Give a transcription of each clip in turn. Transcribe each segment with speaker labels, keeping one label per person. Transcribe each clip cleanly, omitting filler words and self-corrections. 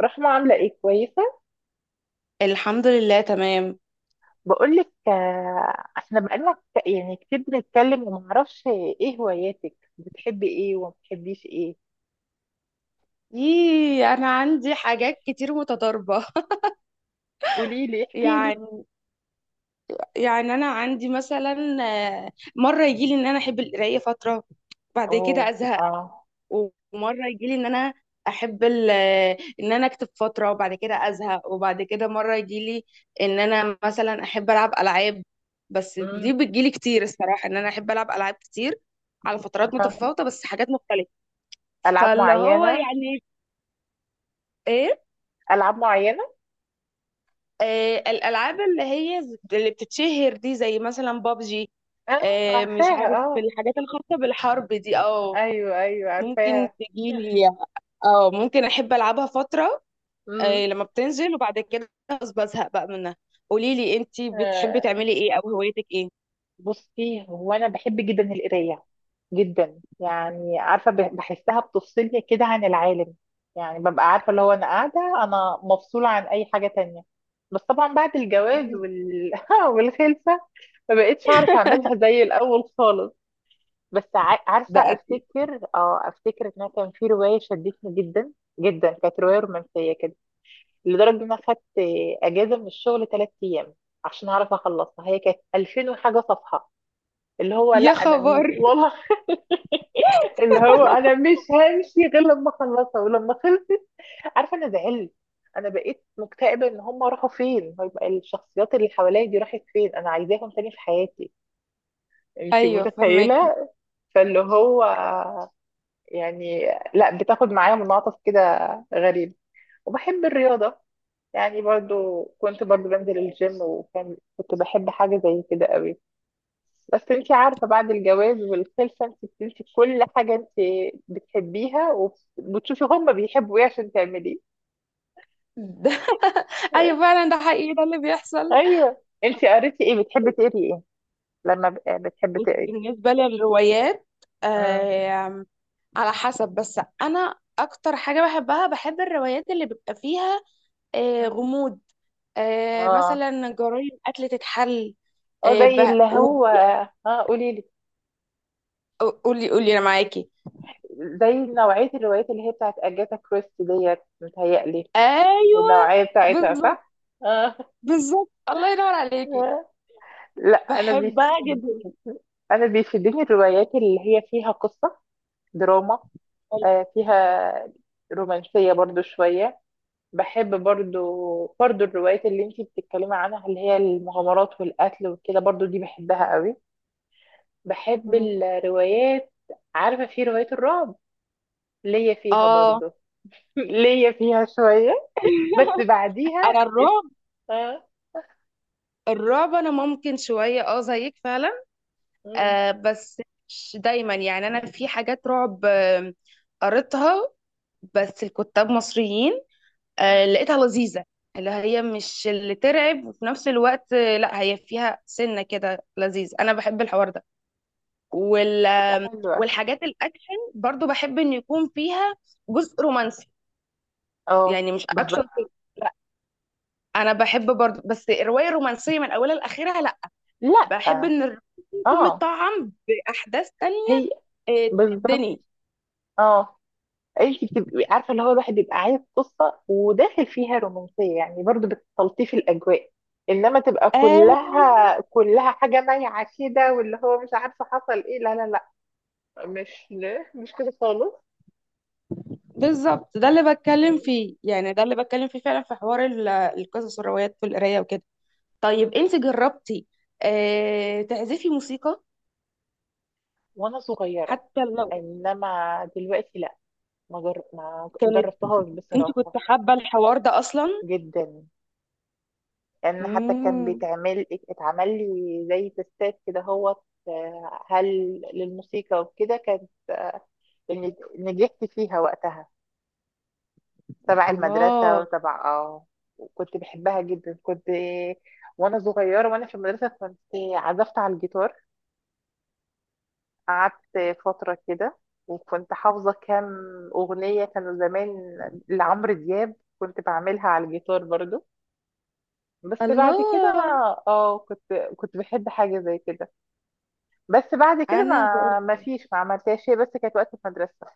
Speaker 1: رحمة، عاملة ايه؟ كويسة.
Speaker 2: الحمد لله، تمام.
Speaker 1: بقولك، احنا بقالنا يعني كتير بنتكلم ومعرفش ايه هواياتك؟ بتحبي ايه وما بتحبيش ايه؟
Speaker 2: ايه، انا عندي حاجات كتير متضاربه.
Speaker 1: قوليلي، احكيلي.
Speaker 2: يعني يعني انا عندي مثلا، مره يجي لي ان انا احب القرايه فتره. بعد
Speaker 1: اوه،
Speaker 2: كده ازهق.
Speaker 1: اه.
Speaker 2: ومره يجي لي ان انا احب ان انا اكتب فتره وبعد كده ازهق. وبعد كده مره يجي لي ان انا مثلا احب العب العاب. بس
Speaker 1: امم.
Speaker 2: دي بتجيلي كتير، الصراحه ان انا احب العب العاب كتير على فترات
Speaker 1: آه.
Speaker 2: متفاوته، بس حاجات مختلفه.
Speaker 1: العاب
Speaker 2: فاللي هو
Speaker 1: معينة؟
Speaker 2: يعني ايه،
Speaker 1: العاب معينة.
Speaker 2: الالعاب اللي هي اللي بتتشهر دي، زي مثلا بابجي.
Speaker 1: اه،
Speaker 2: مش
Speaker 1: عارفاها،
Speaker 2: عارف،
Speaker 1: اه.
Speaker 2: الحاجات الخاصه بالحرب دي. اه
Speaker 1: ايوه، ايوه،
Speaker 2: ممكن
Speaker 1: عارفاها.
Speaker 2: تجيلي. اه ممكن احب العبها فتره، لما بتنزل وبعد كده خلاص بزهق بقى منها. قولي لي، انتي بتحبي
Speaker 1: امم.
Speaker 2: تعملي ايه، او هوايتك ايه؟
Speaker 1: بصي، هو انا بحب جدا القرايه. جدا، يعني عارفه بحسها بتفصلني كده عن العالم. يعني ببقى عارفه اللي هو انا قاعده، انا مفصوله عن اي حاجه تانية. بس طبعا بعد الجواز
Speaker 2: مم،
Speaker 1: والخلفه. ما بقتش اعرف اعملها زي الاول خالص. بس عارفه
Speaker 2: ده اكيد.
Speaker 1: افتكر ان أنا كان في روايه شدتني جدا. جدا، كانت روايه رومانسيه كده، لدرجه ان انا خدت اجازه من الشغل ثلاث ايام عشان اعرف اخلصها. هي كانت 2000 وحاجه صفحه. اللي هو لا،
Speaker 2: يا
Speaker 1: انا
Speaker 2: خبر.
Speaker 1: والله، اللي هو انا مش همشي غير لما اخلصها. ولما خلصت عارفه انا زعلت، انا بقيت مكتئبه. ان هم راحوا فين؟ طيب الشخصيات اللي حواليا دي راحت فين؟ انا عايزاهم تاني في حياتي. انت
Speaker 2: ايوه فهمك.
Speaker 1: متخيله؟ فاللي هو، يعني، لا بتاخد معايا منعطف كده غريب. وبحب الرياضه، يعني برضو كنت، برضو بنزل الجيم، وكان كنت بحب حاجه زي كده قوي. بس انت عارفة، بعد الجواز والخلفة، انت بتنسي كل حاجة انت بتحبيها، وبتشوفي هما بيحبوا ايه عشان تعمليه.
Speaker 2: ده. ايوه فعلا، ده حقيقي، ده اللي بيحصل.
Speaker 1: ايوه، انت
Speaker 2: طب
Speaker 1: قريتي ايه؟ بتحبي تقري ايه؟ لما بتحبي
Speaker 2: بص
Speaker 1: تقري.
Speaker 2: بالنسبه للروايات،
Speaker 1: مم.
Speaker 2: على حسب. بس انا اكتر حاجه بحبها، بحب الروايات اللي بيبقى فيها غموض،
Speaker 1: اه،
Speaker 2: مثلا جرايم قتل تتحل.
Speaker 1: اه،
Speaker 2: آه،
Speaker 1: زي
Speaker 2: ب-
Speaker 1: اللي
Speaker 2: و-
Speaker 1: هو. اه، قولي لي.
Speaker 2: قولي قولي، انا معاكي.
Speaker 1: زي نوعية الروايات اللي هي بتاعت أجاثا كريستي ديت، متهيألي.
Speaker 2: ايوه،
Speaker 1: النوعية بتاعتها
Speaker 2: بالظبط.
Speaker 1: صح؟ اه.
Speaker 2: بالظبط، الله ينور عليكي.
Speaker 1: لا، أنا
Speaker 2: بحبها جدا.
Speaker 1: أنا بيفيدني الروايات اللي هي فيها قصة، دراما، فيها رومانسية برضو شوية. بحب، برضو، برضو الروايات اللي انتي بتتكلمي عنها، اللي هي المغامرات والقتل وكده، برضو دي بحبها قوي. بحب
Speaker 2: مم.
Speaker 1: الروايات. عارفة في رواية الرعب ليا فيها
Speaker 2: اه،
Speaker 1: برضو. ليا فيها شوية، بس
Speaker 2: انا
Speaker 1: بعديها است...
Speaker 2: الرعب.
Speaker 1: آه،
Speaker 2: الرعب انا ممكن شويه، اه زيك فعلا.
Speaker 1: مم،
Speaker 2: بس مش دايما، يعني انا في حاجات رعب قريتها، بس الكتاب مصريين،
Speaker 1: مم،
Speaker 2: لقيتها لذيذة. اللي هي مش اللي ترعب، وفي نفس الوقت، لا هي فيها سنة كده لذيذ، أنا بحب الحوار ده وال...
Speaker 1: تبقى حلوة.
Speaker 2: والحاجات الأكشن، برضو بحب إن يكون فيها جزء رومانسي.
Speaker 1: اه،
Speaker 2: يعني مش أكشن
Speaker 1: بالظبط.
Speaker 2: بس. لا، أنا بحب برضو، بس الرواية رومانسية من أولها لآخرها، لا.
Speaker 1: لا،
Speaker 2: بحب إن الرومانسي يكون
Speaker 1: اه،
Speaker 2: متطعم بأحداث تانية
Speaker 1: هي بالظبط.
Speaker 2: تشدني.
Speaker 1: اه، انت بتبقي عارفه اللي هو الواحد بيبقى عايز قصه، وداخل فيها رومانسيه، يعني برضو بتلطيف الاجواء. انما تبقى
Speaker 2: آه،
Speaker 1: كلها كلها حاجه مايعه كده، واللي هو مش عارفه حصل ايه، لا، لا، لا، مش لا، مش كده خالص.
Speaker 2: بالظبط، ده اللي بتكلم
Speaker 1: مم.
Speaker 2: فيه، يعني ده اللي بتكلم فيه فعلا، في حوار القصص والروايات والقراية وكده. طيب، انت جربتي تعزفي موسيقى؟
Speaker 1: وانا صغيره،
Speaker 2: حتى لو
Speaker 1: انما دلوقتي لا، ما
Speaker 2: كانت.
Speaker 1: جربتهاش
Speaker 2: انت كنت
Speaker 1: بصراحه.
Speaker 2: حابة الحوار ده اصلا؟
Speaker 1: جدا، يعني حتى كان
Speaker 2: امم.
Speaker 1: بيتعمل، اتعمل لي زي تستات كده، هو، هل، للموسيقى وكده، كانت اللي نجحت فيها وقتها تبع المدرسة
Speaker 2: الله.
Speaker 1: وتبع، وكنت بحبها جدا، كنت، وانا صغيرة وانا في المدرسة. كنت عزفت على الجيتار، قعدت فترة كده، وكنت حافظة كام أغنية كانوا زمان لعمرو دياب، كنت بعملها على الجيتار برضو. بس بعد كده انا،
Speaker 2: الله،
Speaker 1: كنت بحب حاجة زي كده، بس بعد كده
Speaker 2: انا
Speaker 1: ما
Speaker 2: برضه.
Speaker 1: فيش، ما عملتهاش شيء، بس كانت وقت المدرسة.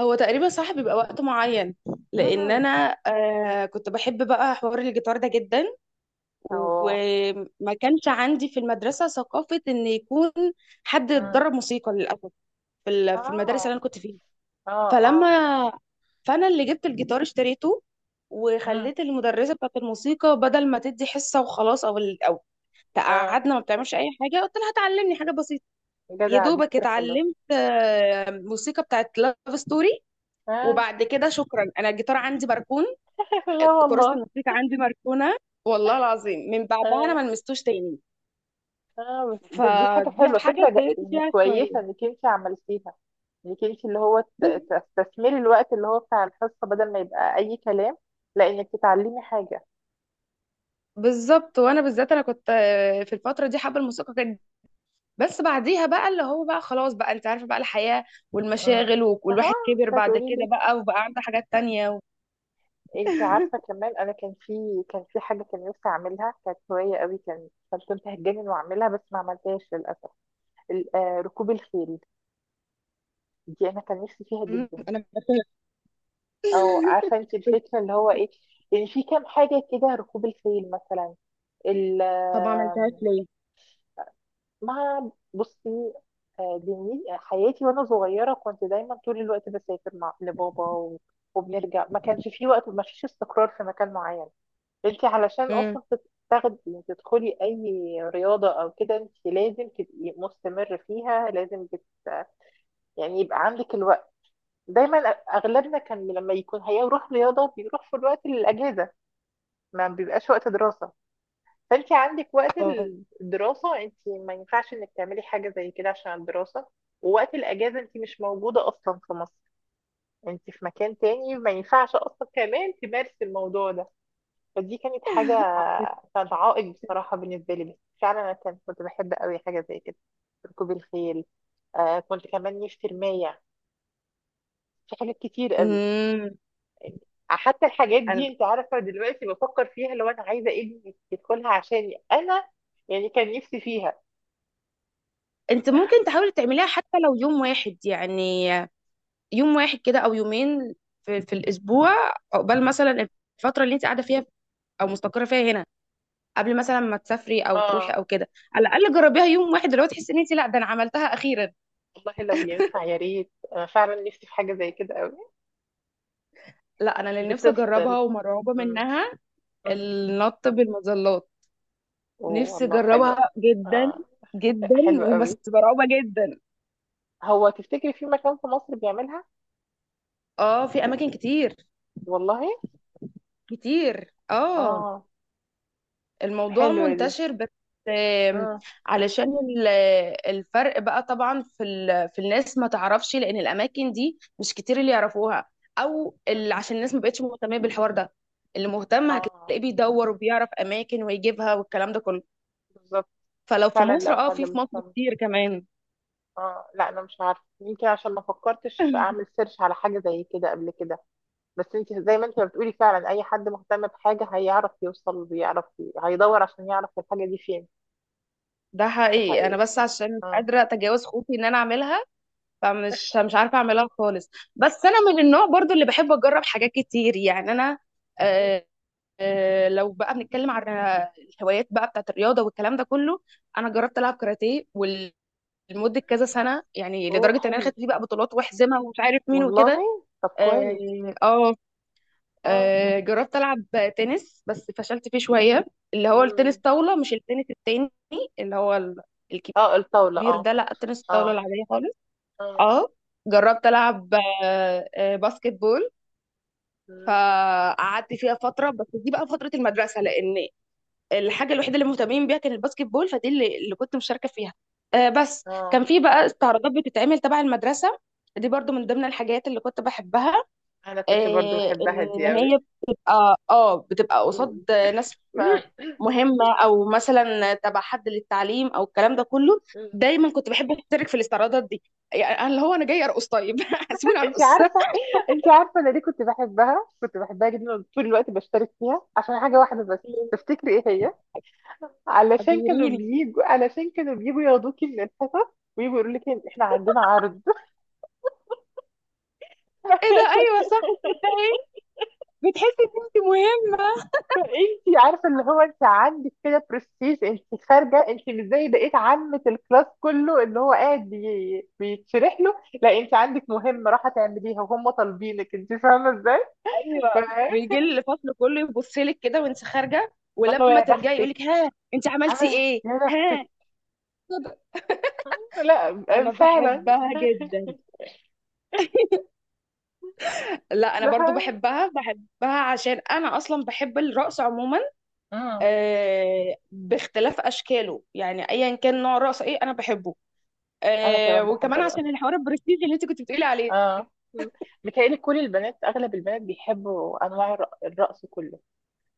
Speaker 2: هو تقريبا صح، بيبقى وقت معين، لان
Speaker 1: مهم.
Speaker 2: انا كنت بحب بقى حوار الجيتار ده جدا.
Speaker 1: اه.
Speaker 2: وما كانش عندي في المدرسة ثقافة ان يكون حد
Speaker 1: مم.
Speaker 2: يتدرب موسيقى للاسف، في المدارس اللي
Speaker 1: اه،
Speaker 2: انا كنت فيها. فلما،
Speaker 1: اه،
Speaker 2: فانا اللي جبت الجيتار اشتريته،
Speaker 1: اه،
Speaker 2: وخليت المدرسه بتاعت الموسيقى بدل ما تدي حصه وخلاص او
Speaker 1: اه،
Speaker 2: تقعدنا ما بتعملش اي حاجه، قلت لها هتعلمني حاجه بسيطه. يا
Speaker 1: جدع، دي
Speaker 2: دوبك
Speaker 1: فكرة حلوة.
Speaker 2: اتعلمت موسيقى بتاعت لاف ستوري.
Speaker 1: اه.
Speaker 2: وبعد كده شكرا، انا الجيتار عندي مركون،
Speaker 1: لا،
Speaker 2: كراسه
Speaker 1: والله.
Speaker 2: الموسيقى عندي مركونه. والله العظيم من بعدها انا
Speaker 1: اه،
Speaker 2: ما لمستوش تاني.
Speaker 1: اه، بس دي حاجة
Speaker 2: فدي
Speaker 1: حلوة.
Speaker 2: حاجه
Speaker 1: فكرة
Speaker 2: اتضايقت
Speaker 1: يعني
Speaker 2: فيها
Speaker 1: كويسة
Speaker 2: شويه.
Speaker 1: انك انت عملتيها، انك انت اللي هو
Speaker 2: بز-
Speaker 1: تستثمري الوقت اللي هو بتاع الحصة، بدل ما يبقى اي كلام، لا، انك تتعلمي حاجة.
Speaker 2: بالظبط، وانا بالذات انا كنت في الفتره دي حابه الموسيقى. بس بعديها بقى اللي هو بقى خلاص، بقى انت عارفة، بقى الحياة
Speaker 1: امم
Speaker 2: والمشاغل
Speaker 1: اها،
Speaker 2: والواحد كبر بعد
Speaker 1: هتقولي
Speaker 2: كده،
Speaker 1: لي.
Speaker 2: بقى وبقى عنده حاجات تانية.
Speaker 1: انت عارفة كمان، انا كان في، كان في حاجة كان نفسي اعملها، كانت هواية قوي، كان كان كنت هتجنن واعملها، بس ما عملتهاش للأسف. ركوب الخيل، دي انا كان نفسي فيها
Speaker 2: مم،
Speaker 1: جدا.
Speaker 2: انا.
Speaker 1: او عارفه انت الفكره اللي هو ايه؟ يعني في كام حاجه كده، ركوب الخيل مثلا، ال-
Speaker 2: طب ما عملتهاش
Speaker 1: آم،
Speaker 2: ليه؟
Speaker 1: بصي، حياتي وانا صغيره كنت دايما طول الوقت بسافر مع لبابا، وبنرجع. ما كانش في وقت، ما فيش استقرار في مكان معين. انت علشان
Speaker 2: امم.
Speaker 1: اصلا تت- تاخدي تدخلي اي رياضه او كده، انت لازم تبقي مستمر فيها، لازم يعني يبقى عندك الوقت دايما. اغلبنا كان لما يكون هيروح رياضه بيروح في الوقت الاجازه، ما بيبقاش وقت دراسة. فانت عندك وقت
Speaker 2: اه.
Speaker 1: الدراسة، انت ما ينفعش انك تعملي حاجة زي كده عشان الدراسة. ووقت الأجازة انت مش موجودة أصلا في مصر، انت في مكان تاني، ما ينفعش أصلا كمان تمارسي الموضوع ده. فدي كانت حاجة، كانت عائق بصراحة بالنسبة لي. بس فعلا أنا كنت بحب قوي حاجة زي كده، ركوب الخيل. كنت كمان نفسي الماية، في حاجات كتير قوي.
Speaker 2: امم.
Speaker 1: يعني حتى الحاجات دي
Speaker 2: أنا-
Speaker 1: انت عارفة، دلوقتي بفكر فيها لو أنا عايزة ابني يدخلها عشان أنا يعني كان نفسي فيها.
Speaker 2: انت ممكن تحاولي تعمليها حتى لو يوم واحد، يعني يوم واحد كده او يومين في الاسبوع. قبل مثلا الفتره اللي انت قاعده فيها، او مستقره فيها هنا، قبل مثلا ما تسافري او تروحي
Speaker 1: اه،
Speaker 2: او كده، على الاقل جربيها يوم واحد، اللي هو تحسي ان انت، لا ده انا عملتها اخيرا.
Speaker 1: والله، لو ينفع يا ريت، انا فعلا نفسي في حاجه زي كده قوي.
Speaker 2: لا، انا اللي نفسي
Speaker 1: بتفصل.
Speaker 2: اجربها ومرعوبه
Speaker 1: امم،
Speaker 2: منها،
Speaker 1: امم.
Speaker 2: النط بالمظلات.
Speaker 1: اوه،
Speaker 2: نفسي
Speaker 1: والله حلوه.
Speaker 2: اجربها جدا
Speaker 1: اه.
Speaker 2: جدا.
Speaker 1: حلوه
Speaker 2: وبس
Speaker 1: قوي.
Speaker 2: مرعوبه جدا.
Speaker 1: هو تفتكري في مكان في مصر بيعملها؟
Speaker 2: اه، في اماكن كتير.
Speaker 1: والله.
Speaker 2: كتير، اه.
Speaker 1: اه.
Speaker 2: الموضوع
Speaker 1: حلوه دي.
Speaker 2: منتشر بس. آم،
Speaker 1: امم.
Speaker 2: علشان ال- الفرق بقى طبعا، في الناس ما تعرفش، لان الاماكن دي مش كتير اللي يعرفوها، او اللي عشان الناس ما بقتش مهتمه بالحوار ده. اللي مهتم
Speaker 1: اه،
Speaker 2: هتلاقيه بيدور وبيعرف اماكن ويجيبها والكلام ده كله.
Speaker 1: بالظبط.
Speaker 2: فلو في
Speaker 1: فعلا
Speaker 2: مصر،
Speaker 1: لو
Speaker 2: اه
Speaker 1: حد
Speaker 2: في مصر
Speaker 1: مهتم.
Speaker 2: كتير كمان.
Speaker 1: اه، لا، انا مش عارفه. يمكن عشان ما فكرتش اعمل سيرش على حاجه زي كده قبل كده. بس انت زي ما انت بتقولي، فعلا اي حد مهتم بحاجه هيعرف يوصل ويعرف هيدور عشان يعرف الحاجه دي فين.
Speaker 2: ده
Speaker 1: ده
Speaker 2: حقيقي، انا
Speaker 1: حقيقي.
Speaker 2: بس عشان مش
Speaker 1: اه.
Speaker 2: قادره اتجاوز خوفي ان انا اعملها. فمش مش عارفه اعملها خالص. بس انا من النوع برضو اللي بحب اجرب حاجات كتير، يعني انا.
Speaker 1: مم.
Speaker 2: آه لو بقى بنتكلم عن الهوايات بقى بتاعت الرياضه والكلام ده كله، انا جربت العب كاراتيه لمده كذا سنه، يعني
Speaker 1: اوه،
Speaker 2: لدرجه ان انا
Speaker 1: حلو.
Speaker 2: خدت فيه بقى بطولات واحزمها ومش عارف مين وكده.
Speaker 1: والله طب كويس.
Speaker 2: اه. آه،
Speaker 1: اه.
Speaker 2: جربت ألعب تنس، بس فشلت فيه شوية. اللي هو التنس
Speaker 1: مم.
Speaker 2: طاولة، مش التنس التاني اللي هو
Speaker 1: اه، الطاولة،
Speaker 2: الكبير.
Speaker 1: اه.
Speaker 2: ده لا، التنس الطاولة
Speaker 1: اه،
Speaker 2: العادية خالص.
Speaker 1: اه.
Speaker 2: اه، جربت ألعب باسكت بول.
Speaker 1: مم.
Speaker 2: فقعدت فيها فترة، بس دي بقى فترة المدرسة، لأن الحاجة الوحيدة اللي مهتمين بيها كان الباسكت بول. فدي اللي كنت مشاركة فيها. بس
Speaker 1: اه،
Speaker 2: كان في بقى استعراضات بتتعمل تبع المدرسة. دي برضو من ضمن الحاجات اللي كنت بحبها،
Speaker 1: انا كنت برضو بحبها
Speaker 2: ان
Speaker 1: دي اوي.
Speaker 2: هي بتبقى قصاد ناس
Speaker 1: مم.
Speaker 2: مهمه، او مثلا تبع حد للتعليم، او الكلام ده كله. دايما كنت بحب اشترك في الاستعراضات دي. يعني أنا اللي هو انا جاي ارقص، طيب سيبوني
Speaker 1: انت
Speaker 2: ارقص.
Speaker 1: عارفة، انا ليه كنت بحبها، جدا طول الوقت بشترك فيها عشان حاجة واحدة بس. تفتكري ايه هي؟
Speaker 2: ابهريني.
Speaker 1: علشان كانوا بيجوا ياخدوكي من الحصص ويجوا يقولوا لك احنا عندنا عرض.
Speaker 2: ايه ده، ايوه صح، تصدقي بتحسي ان انت مهمه.
Speaker 1: انت عارفه اللي هو انت عندك كده برستيج، انت خارجه، انت مش زي بقيه عامه الكلاس كله اللي هو قاعد بيتشرح له، لا انت عندك مهمه راح تعمليها وهم طالبينك. انت فاهمه ازاي؟ ف-
Speaker 2: ايوه. ويجي لي الفصل كله يبص لك كده وانت خارجه،
Speaker 1: انا
Speaker 2: ولما
Speaker 1: يا
Speaker 2: ترجعي يقول
Speaker 1: بختك،
Speaker 2: لك، ها انت عملتي
Speaker 1: انا
Speaker 2: ايه.
Speaker 1: يا
Speaker 2: ها.
Speaker 1: بختك.
Speaker 2: كده.
Speaker 1: لا،
Speaker 2: انا
Speaker 1: فعلا.
Speaker 2: بحبها جدا. لا، انا برضو
Speaker 1: ده،
Speaker 2: بحبها، بحبها عشان انا اصلا بحب الرقص عموما،
Speaker 1: امم.
Speaker 2: باختلاف اشكاله، يعني ايا كان نوع الرقص ايه انا بحبه.
Speaker 1: انا كمان بحب
Speaker 2: وكمان
Speaker 1: الرقص.
Speaker 2: عشان الحوار البرستيجي اللي انت كنت بتقولي عليه.
Speaker 1: اه. مم. متهيألي كل البنات، اغلب البنات بيحبوا انواع الرقص كله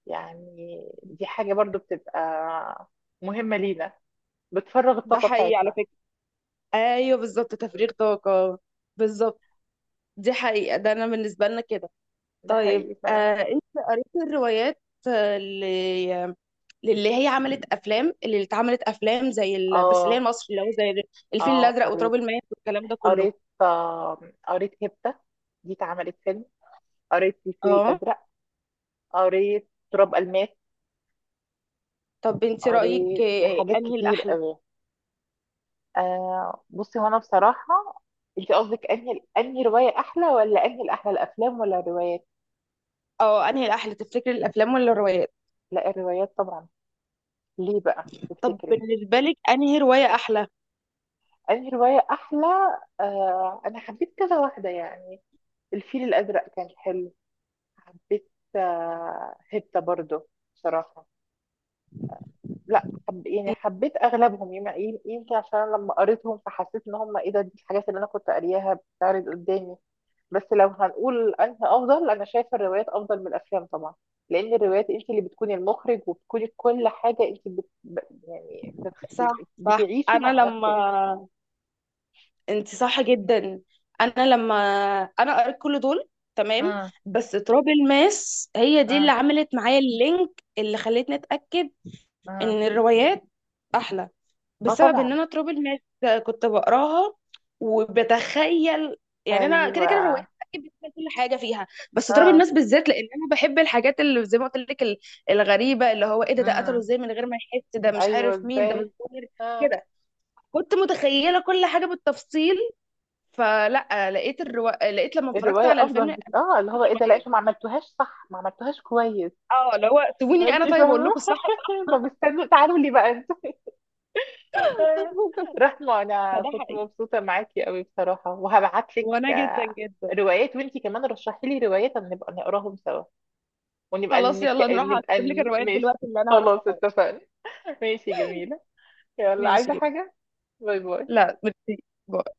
Speaker 1: يعني. دي حاجه برضو بتبقى مهمه لينا، بتفرغ
Speaker 2: ده
Speaker 1: الطاقة
Speaker 2: حقيقي على
Speaker 1: بتاعتنا.
Speaker 2: فكرة. ايوه بالظبط، تفريغ
Speaker 1: م.
Speaker 2: طاقة. بالظبط. دي حقيقة، ده انا بالنسبة لنا كده.
Speaker 1: ده
Speaker 2: طيب
Speaker 1: حقيقي فعلا.
Speaker 2: انت قريتي الروايات آه، ل- للي هي عملت افلام، اللي اتعملت افلام زي بس اللي هي
Speaker 1: اه،
Speaker 2: مصر، اللي هو زي الفيل
Speaker 1: اه،
Speaker 2: الازرق وتراب
Speaker 1: قريت.
Speaker 2: الماس والكلام ده كله؟
Speaker 1: قريت، قريت هبتة، دي اتعملت فيلم. قريت الفيل
Speaker 2: اه.
Speaker 1: الأزرق. قريت تراب الماس.
Speaker 2: طب انت رأيك
Speaker 1: قريت حاجات
Speaker 2: انهي
Speaker 1: كتير
Speaker 2: الأحلى؟
Speaker 1: قوي. بصي، هو انا بصراحة. انت قصدك انهي رواية احلى ولا انهي، الاحلى الافلام ولا الروايات؟
Speaker 2: اه، انهي الأحلى تفتكري، الأفلام ولا الروايات؟
Speaker 1: لا، الروايات طبعا. ليه بقى
Speaker 2: طب
Speaker 1: تفتكري؟
Speaker 2: بالنسبة لك انهي رواية أحلى؟
Speaker 1: انهي رواية احلى؟ انا حبيت كذا واحدة يعني. الفيل الازرق كان حلو. حبيت، هبتة برضو. بصراحة، لا، حب، يعني، حبيت اغلبهم، يمكن عشان أنا لما قريتهم فحسيت ان هم ايه ده، دي الحاجات اللي انا كنت قارياها بتعرض قدامي. بس لو هنقول انهي افضل، انا شايفة الروايات افضل من الافلام طبعا، لان الروايات انت اللي بتكوني المخرج وبتكوني كل حاجة. انت بت... ب- يعني بتخ... يعني
Speaker 2: صح صح،
Speaker 1: بتعيشي
Speaker 2: انا
Speaker 1: مع
Speaker 2: لما.
Speaker 1: نفسك.
Speaker 2: انت صح جدا. انا لما. انا قريت كل دول. تمام.
Speaker 1: اه،
Speaker 2: بس تراب الماس هي دي اللي
Speaker 1: اه،
Speaker 2: عملت معايا اللينك، اللي خلتني اتأكد ان
Speaker 1: اه،
Speaker 2: الروايات أحلى،
Speaker 1: اه،
Speaker 2: بسبب ان
Speaker 1: طبعا.
Speaker 2: انا تراب الماس كنت بقراها وبتخيل. يعني انا كده كده
Speaker 1: ايوه،
Speaker 2: روايات اكيد بتخيل كل حاجه فيها، بس تراب
Speaker 1: اه.
Speaker 2: الماس بالذات، لان انا بحب الحاجات اللي زي ما قلت لك، الغريبه اللي هو ايه ده قتله
Speaker 1: امم،
Speaker 2: ازاي من غير ما يحس، ده مش
Speaker 1: ايوه،
Speaker 2: عارف مين، ده
Speaker 1: ازاي؟
Speaker 2: متغير
Speaker 1: اه.
Speaker 2: كده. كنت متخيله كل حاجه بالتفصيل. فلا، لقيت لما اتفرجت
Speaker 1: الرواية
Speaker 2: على الفيلم
Speaker 1: أفضل بك...
Speaker 2: أنا
Speaker 1: آه اللي
Speaker 2: خفت
Speaker 1: هو إيه ده، لا
Speaker 2: شويه.
Speaker 1: أنتوا ما عملتوهاش صح، ما عملتوهاش كويس.
Speaker 2: اه اللي هو، سيبوني
Speaker 1: أنت
Speaker 2: انا طيب، اقول
Speaker 1: فاهمة.
Speaker 2: لكم الصح.
Speaker 1: طب استنوا، تعالوا لي بقى أنتوا. رحمة، أنا
Speaker 2: فده
Speaker 1: كنت
Speaker 2: حقيقي،
Speaker 1: مبسوطة معاكي قوي بصراحة، وهبعت لك
Speaker 2: وانا جدا جدا.
Speaker 1: روايات، وأنت كمان رشحي لي روايات أما نبقى نقراهم سوا، ونبقى
Speaker 2: خلاص يلا، نروح اكتب لك الروايات
Speaker 1: ماشي.
Speaker 2: دلوقتي اللي انا
Speaker 1: خلاص
Speaker 2: هرسمها.
Speaker 1: اتفقنا. ماشي، جميلة. يلا، عايزة
Speaker 2: ماشي.
Speaker 1: حاجة؟ باي باي.
Speaker 2: لا ميرسي. باي.